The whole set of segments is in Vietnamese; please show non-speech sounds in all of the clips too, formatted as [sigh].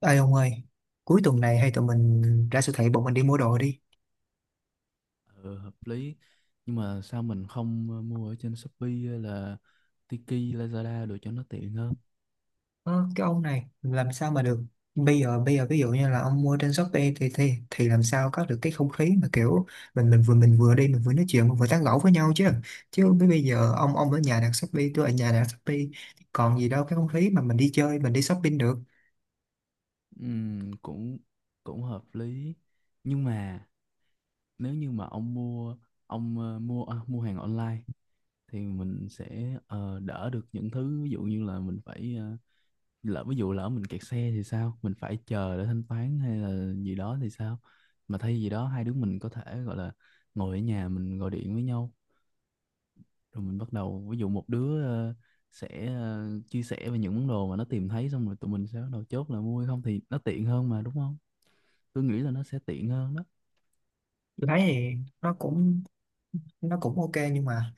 Ê ông ơi, cuối tuần này hay Ừ. tụi mình ra siêu thị bọn mình đi mua đồ đi. Ừ, hợp lý nhưng mà sao mình không mua ở trên Shopee hay là Tiki Lazada được cho nó tiện hơn. Ờ, cái ông này làm sao mà được? Bây giờ ví dụ như là ông mua trên Shopee thì làm sao có được cái không khí mà kiểu mình vừa mình vừa đi mình vừa nói chuyện mình vừa tán gẫu với nhau chứ. Chứ bây bây giờ ông ở nhà đặt Shopee, tôi ở nhà đặt Shopee còn gì đâu cái không khí mà mình đi chơi mình đi shopping được. Cũng cũng hợp lý nhưng mà nếu như mà ông ờ, mua à, mua hàng online thì mình sẽ đỡ được những thứ, ví dụ như là mình phải ví dụ lỡ mình kẹt xe thì sao, mình phải chờ để thanh toán hay là gì đó thì sao. Mà thay vì đó, hai đứa mình có thể gọi là ngồi ở nhà mình gọi điện với nhau, rồi mình bắt đầu ví dụ một đứa sẽ chia sẻ về những món đồ mà nó tìm thấy, xong rồi tụi mình sẽ bắt đầu chốt là mua hay không thì nó tiện hơn mà, đúng không? Tôi nghĩ là nó sẽ tiện hơn đó. Tôi thấy thì nó cũng nó cũng ok, nhưng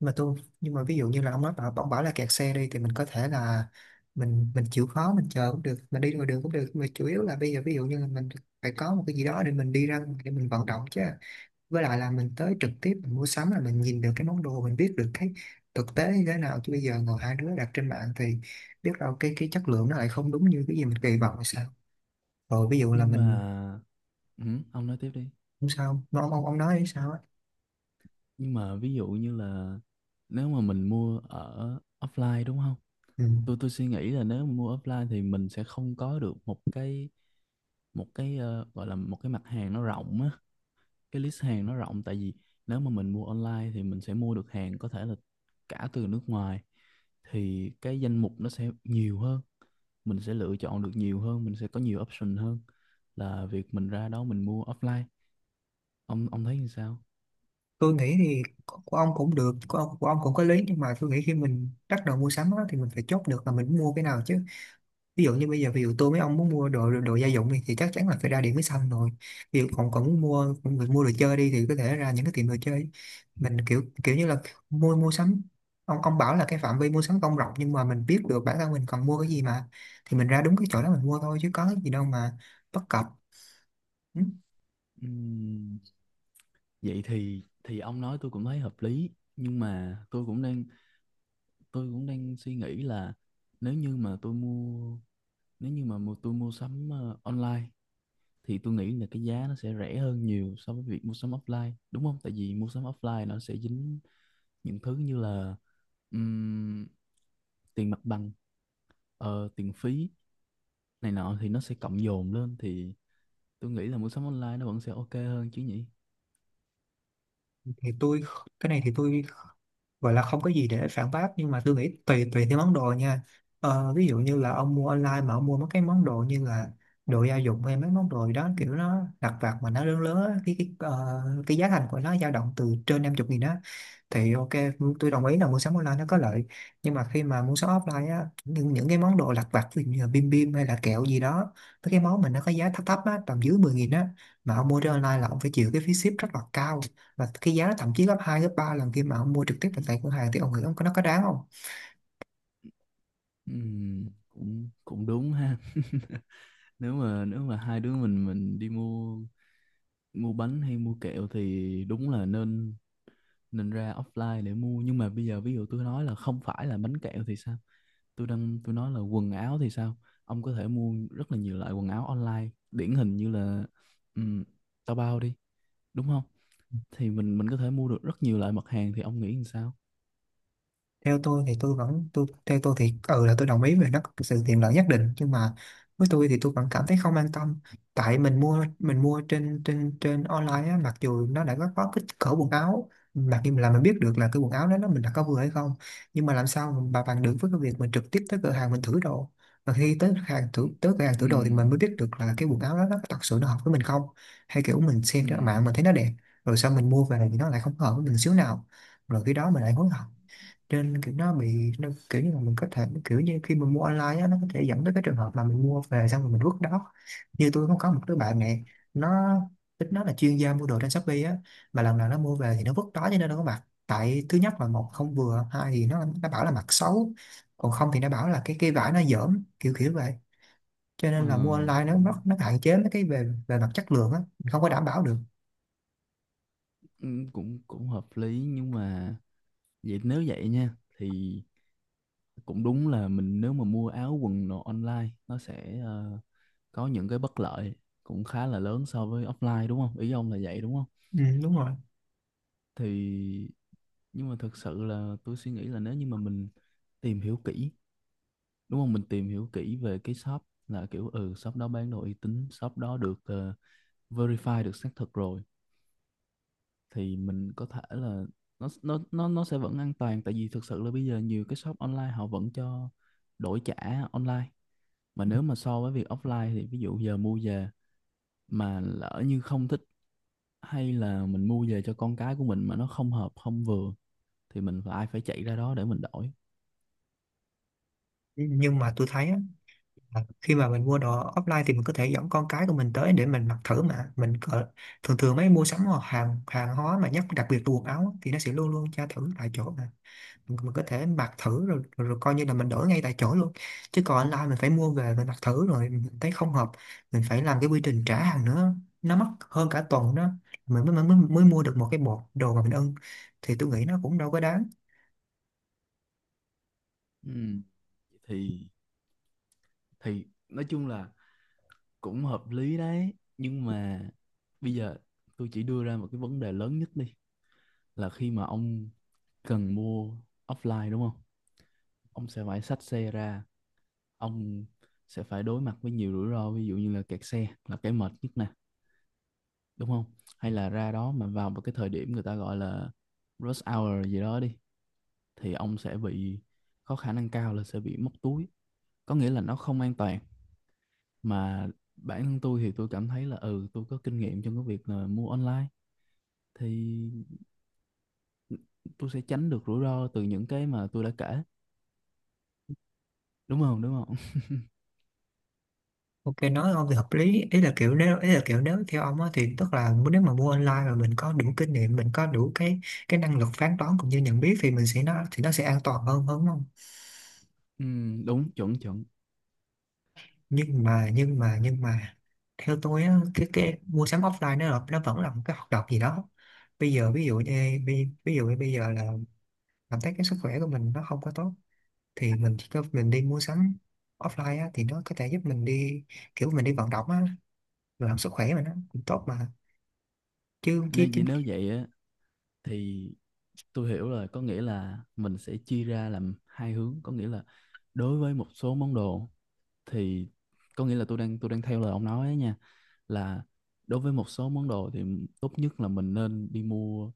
mà tôi nhưng mà ví dụ như là ông nói bảo ông bảo là kẹt xe đi thì mình có thể là mình chịu khó mình chờ cũng được, mình đi ngoài đường cũng được, mà chủ yếu là bây giờ ví dụ như là mình phải có một cái gì đó để mình đi ra ngoài để mình vận động chứ. Với lại là mình tới trực tiếp mình mua sắm là mình nhìn được cái món đồ, mình biết được cái thực tế như thế nào, chứ bây giờ ngồi hai đứa đặt trên mạng thì biết đâu cái chất lượng nó lại không đúng như cái gì mình kỳ vọng hay sao. Rồi ví dụ là Nhưng mình mà ừ, ông nói tiếp đi. không sao, nó ông nói hay sao á? Nhưng mà ví dụ như là, nếu mà mình mua ở offline đúng không, Ừ. tôi suy nghĩ là nếu mà mua offline thì mình sẽ không có được một cái, gọi là một cái mặt hàng nó rộng á, cái list hàng nó rộng. Tại vì nếu mà mình mua online thì mình sẽ mua được hàng có thể là cả từ nước ngoài, thì cái danh mục nó sẽ nhiều hơn, mình sẽ lựa chọn được nhiều hơn, mình sẽ có nhiều option hơn là việc mình ra đó mình mua offline. Ông thấy như sao? Tôi nghĩ thì của ông cũng được, của ông cũng có lý, nhưng mà tôi nghĩ khi mình bắt đầu mua sắm á, thì mình phải chốt được là mình muốn mua cái nào chứ. Ví dụ như bây giờ ví dụ tôi với ông muốn mua đồ đồ gia dụng thì chắc chắn là phải ra Điện Máy Xanh rồi. Ví dụ còn còn muốn mua đồ chơi đi thì có thể ra những cái tiệm đồ chơi. Mình kiểu kiểu như là mua mua sắm, ông bảo là cái phạm vi mua sắm không rộng nhưng mà mình biết được bản thân mình cần mua cái gì mà. Thì mình ra đúng cái chỗ đó mình mua thôi chứ có cái gì đâu mà bất cập. Ừ, Ừm, Vậy thì ông nói tôi cũng thấy hợp lý. Nhưng mà tôi cũng đang suy nghĩ là, nếu như mà tôi mua nếu như mà mua, tôi mua sắm online thì tôi nghĩ là cái giá nó sẽ rẻ hơn nhiều so với việc mua sắm offline, đúng không? Tại vì mua sắm offline nó sẽ dính những thứ như là ừm, tiền mặt bằng, tiền phí này nọ, thì nó sẽ cộng dồn lên, thì tôi nghĩ là mua sắm online nó vẫn sẽ ok hơn chứ nhỉ? thì tôi, cái này thì tôi gọi là không có gì để phản bác, nhưng mà tôi nghĩ tùy tùy theo món đồ nha. Ví dụ như là ông mua online mà ông mua mấy cái món đồ như là đồ gia dụng hay mấy món đồ gì đó kiểu nó lặt vặt mà nó lớn lớn á, cái giá thành của nó dao động từ trên 50 nghìn đó thì ok, tôi đồng ý là mua sắm online nó có lợi. Nhưng mà khi mà mua sắm offline á, những cái món đồ lặt vặt ví dụ như là bim bim hay là kẹo gì đó, mấy cái món mà nó có giá thấp thấp á tầm dưới 10 nghìn á, mà ông mua trên online là ông phải chịu cái phí ship rất là cao, và cái giá nó thậm chí gấp 2 gấp 3 lần khi mà ông mua trực tiếp tại tại cửa hàng thì ông nghĩ ông có nó có đáng không? Cũng cũng đúng ha. [laughs] Nếu mà hai đứa mình đi mua mua bánh hay mua kẹo thì đúng là nên nên ra offline để mua. Nhưng mà bây giờ ví dụ tôi nói là không phải là bánh kẹo thì sao? Tôi nói là quần áo thì sao? Ông có thể mua rất là nhiều loại quần áo online, điển hình như là um, Taobao đi, đúng không? Thì mình có thể mua được rất nhiều loại mặt hàng, thì ông nghĩ làm sao? Theo tôi thì tôi vẫn tôi theo tôi thì ừ là tôi đồng ý về nó có sự tiện lợi nhất định, nhưng mà với tôi thì tôi vẫn cảm thấy không an tâm. Tại mình mua trên trên trên online á, mặc dù nó đã có kích cỡ quần áo, mặc dù là mình biết được là cái quần áo đó nó mình đã có vừa hay không, nhưng mà làm sao mình bà bằng được với cái việc mình trực tiếp tới cửa hàng mình thử đồ. Và khi tới hàng Ừ, thử tới cửa hàng ừ, thử đồ thì mình mới biết được là cái quần áo đó nó thật sự nó hợp với mình không, hay kiểu mình xem ừ. trên mạng mình thấy nó đẹp rồi sau mình mua về thì nó lại không hợp với mình xíu nào, rồi khi đó mình lại hối hận. Nên kiểu nó bị nó kiểu như là mình có thể kiểu như khi mình mua online á, nó có thể dẫn tới cái trường hợp mà mình mua về xong rồi mình vứt đó. Như tôi cũng có một đứa bạn này, nó tính nó là chuyên gia mua đồ trên Shopee á, mà lần nào nó mua về thì nó vứt đó. Cho nên nó có mặc tại thứ nhất là một không vừa, hai thì nó bảo là mặc xấu, còn không thì nó bảo là cái vải nó dởm kiểu kiểu vậy. Cho ờ, nên là mua online nó cũng nó, nó hạn chế mấy cái về về mặt chất lượng á, mình không có đảm bảo được. ừ, cũng cũng hợp lý nhưng mà nếu vậy nha, thì cũng đúng là mình, nếu mà mua áo quần đồ online nó sẽ có những cái bất lợi cũng khá là lớn so với offline đúng không, ý ông là vậy đúng không? Ừ, đúng rồi. Thì, nhưng mà thật sự là tôi suy nghĩ là nếu như mà mình tìm hiểu kỹ, đúng không, mình tìm hiểu kỹ về cái shop, là kiểu, shop đó bán đồ uy tín, shop đó được verify, được xác thực rồi, thì mình có thể là nó sẽ vẫn an toàn. Tại vì thực sự là bây giờ nhiều cái shop online họ vẫn cho đổi trả online. Mà nếu mà so với việc offline thì ví dụ giờ mua về mà lỡ như không thích, hay là mình mua về cho con cái của mình mà nó không hợp, không vừa, thì mình phải phải chạy ra đó để mình đổi. Nhưng mà tôi thấy á, à, khi mà mình mua đồ offline thì mình có thể dẫn con cái của mình tới để mình mặc thử mà mình cỡ, thường thường mấy mua sắm hoặc hàng hàng hóa mà nhất đặc biệt là quần áo á, thì nó sẽ luôn luôn tra thử tại chỗ mà mình có thể mặc thử rồi, rồi, rồi coi như là mình đổi ngay tại chỗ luôn. Chứ còn online mình phải mua về mình mặc thử rồi mình thấy không hợp, mình phải làm cái quy trình trả hàng nữa, nó mất hơn cả tuần đó mình mới, mới mới mua được một cái bộ đồ mà mình ưng, thì tôi nghĩ nó cũng đâu có đáng. Ừ, thì nói chung là cũng hợp lý đấy, nhưng mà bây giờ tôi chỉ đưa ra một cái vấn đề lớn nhất đi, là khi mà ông cần mua offline đúng không, ông sẽ phải xách xe ra, ông sẽ phải đối mặt với nhiều rủi ro, ví dụ như là kẹt xe là cái mệt nhất nè, đúng không? Hay là ra đó mà vào một cái thời điểm người ta gọi là rush hour gì đó đi, thì ông sẽ bị, có khả năng cao là sẽ bị móc túi, có nghĩa là nó không an toàn. Mà bản thân tôi thì tôi cảm thấy là tôi có kinh nghiệm trong cái việc là mua online, thì tôi sẽ tránh được rủi ro từ những cái mà tôi đã kể, đúng không? Ok, nói ông thì hợp lý, ý là kiểu nếu ý là kiểu nếu theo ông á thì tức là nếu mà mua online mà mình có đủ kinh nghiệm mình có đủ cái năng lực phán đoán cũng như nhận biết thì mình sẽ nó thì nó sẽ an toàn hơn hơn đúng không? [laughs] Ừ, đúng, chuẩn chuẩn. Nhưng mà theo tôi á, cái mua sắm offline nó là- nó vẫn là một cái hoạt động gì đó. Bây giờ ví dụ như ví dụ như bây giờ là cảm thấy cái sức khỏe của mình nó không có tốt thì mình chỉ có mình đi mua sắm offline á, thì nó có thể giúp mình đi kiểu mình đi vận động á, làm sức khỏe mà nó cũng tốt mà, chứ chứ. Nên vì nếu vậy á thì tôi hiểu rồi, có nghĩa là mình sẽ chia ra làm hai hướng, có nghĩa là đối với một số món đồ thì, có nghĩa là tôi đang theo lời ông nói á nha, là đối với một số món đồ thì tốt nhất là mình nên đi mua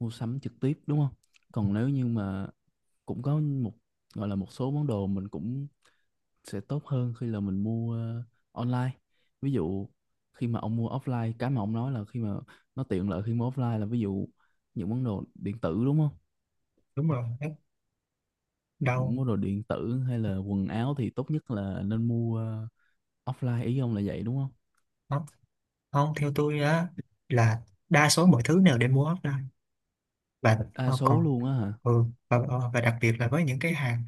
mua sắm trực tiếp đúng không. Còn nếu như mà cũng có một, gọi là, một số món đồ mình cũng sẽ tốt hơn khi là mình mua online, ví dụ khi mà ông mua offline, cái mà ông nói là khi mà nó tiện lợi khi mua offline là ví dụ những món đồ điện tử đúng không, Đúng rồi, rất những đau món đồ điện tử hay là quần áo thì tốt nhất là nên mua offline, ý ông là vậy đúng không? lắm. Không, theo tôi á, là đa số mọi thứ đều nên mua offline. Và Đa ờ, số còn luôn á hả? ừ, và, ờ, và đặc biệt là với những cái hàng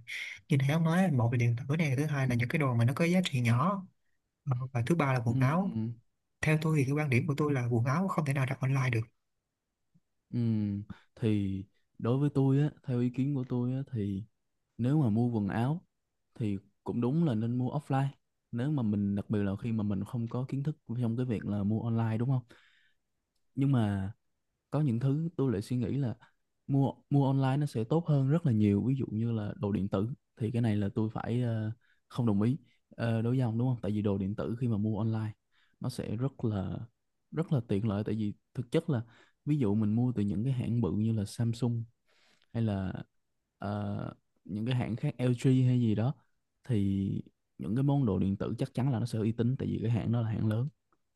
như thế ông nói, một là điện tử này, thứ hai là những cái đồ mà nó có giá trị nhỏ, ờ, và thứ ba là Ừ. quần áo. Theo tôi thì cái quan điểm của tôi là quần áo không thể nào đặt online được. Ừm, thì đối với tôi á, theo ý kiến của tôi á, thì nếu mà mua quần áo thì cũng đúng là nên mua offline. Nếu mà mình, đặc biệt là khi mà mình không có kiến thức trong cái việc là mua online, đúng không? Nhưng mà có những thứ tôi lại suy nghĩ là mua mua online nó sẽ tốt hơn rất là nhiều, ví dụ như là đồ điện tử, thì cái này là tôi phải không đồng ý đối với ông đúng không. Tại vì đồ điện tử khi mà mua online nó sẽ rất là tiện lợi, tại vì thực chất là ví dụ mình mua từ những cái hãng bự như là Samsung, hay là ờ, những cái hãng khác, LG hay gì đó, thì những cái món đồ điện tử chắc chắn là nó sẽ uy tín, tại vì cái hãng đó là hãng lớn,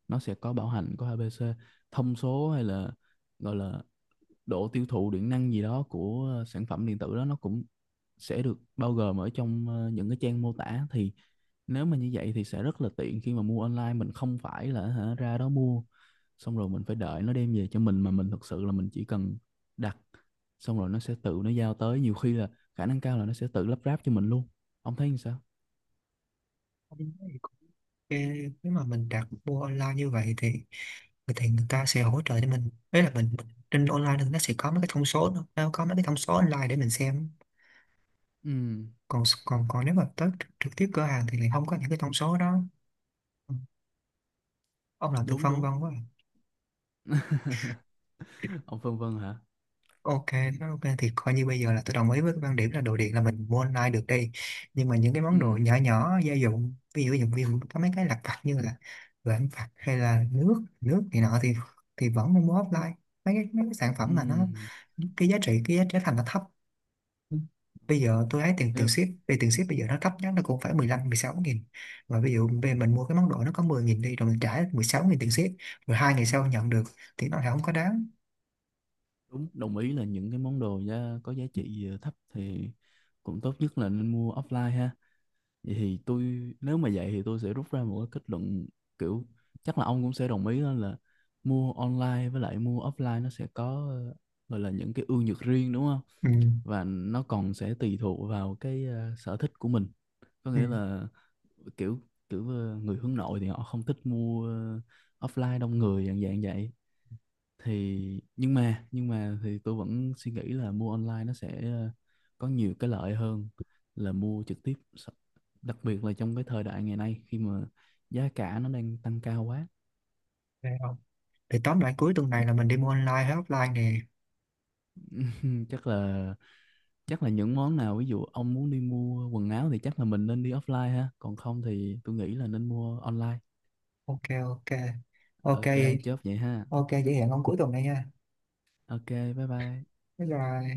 nó sẽ có bảo hành, có ABC thông số, hay là gọi là độ tiêu thụ điện năng gì đó của sản phẩm điện tử đó, nó cũng sẽ được bao gồm ở trong những cái trang mô tả. Thì nếu mà như vậy thì sẽ rất là tiện khi mà mua online, mình không phải là, hả, ra đó mua xong rồi mình phải đợi nó đem về cho mình, mà mình thực sự là mình chỉ cần đặt, xong rồi nó sẽ tự nó giao tới, nhiều khi là khả năng cao là nó sẽ tự lắp ráp cho mình luôn. Ông thấy như sao? Ờ, nếu mà mình đặt mua online như vậy thì người ta sẽ hỗ trợ cho mình, đấy là mình trên online thì nó sẽ có mấy cái thông số, nó có mấy cái thông số online để mình xem. Ừ, Còn còn còn nếu mà tới trực tiếp cửa hàng thì lại không có những cái thông số đó. Ừ, ông làm tư đúng phân đúng. vân quá à. [laughs] Ông phân vân hả? Ok, ok thì coi như bây giờ là tôi đồng ý với cái quan điểm là đồ điện là mình mua online được đi. Nhưng mà những cái món đồ Ừ, nhỏ nhỏ gia dụng ví dụ có mấy cái lặt vặt như là vện vặt hay là nước nước này nọ thì vẫn nên mua offline. Mấy cái sản ừ, phẩm mà nó cái giá trị thành nó thấp. Bây giờ tôi thấy tiền tiền nếu ship về tiền ship bây giờ nó thấp nhất nó cũng phải 15 16 nghìn. Và ví dụ về mình mua cái món đồ nó có 10 nghìn đi rồi mình trả 16 nghìn tiền ship, rồi 2 ngày sau nhận được, thì nó lại không có đáng. đúng, đồng ý là những cái món đồ có giá trị thấp thì cũng tốt nhất là nên mua offline ha. Vậy thì tôi, nếu mà vậy thì tôi sẽ rút ra một cái kết luận, kiểu, chắc là ông cũng sẽ đồng ý, đó là mua online với lại mua offline nó sẽ có gọi là những cái ưu nhược riêng, đúng không? Ừ. Và nó còn sẽ tùy thuộc vào cái sở thích của mình, có Ừ. nghĩa là, kiểu, người hướng nội thì họ không thích mua offline đông người dạng dạng vậy. Thì, nhưng mà thì tôi vẫn suy nghĩ là mua online nó sẽ có nhiều cái lợi hơn là mua trực tiếp. Đặc biệt là trong cái thời đại ngày nay khi mà giá cả nó đang tăng cao quá. Vậy không? Thì tóm lại cuối tuần này là mình đi mua online hay offline nè? [laughs] Chắc là những món nào, ví dụ ông muốn đi mua quần áo thì chắc là mình nên đi offline ha, còn không thì tôi nghĩ là nên mua online. ok ok ok Ok, chốt vậy ha. ok vậy hẹn ông cuối tuần này nha. Ok. Bye bye. Bye bye.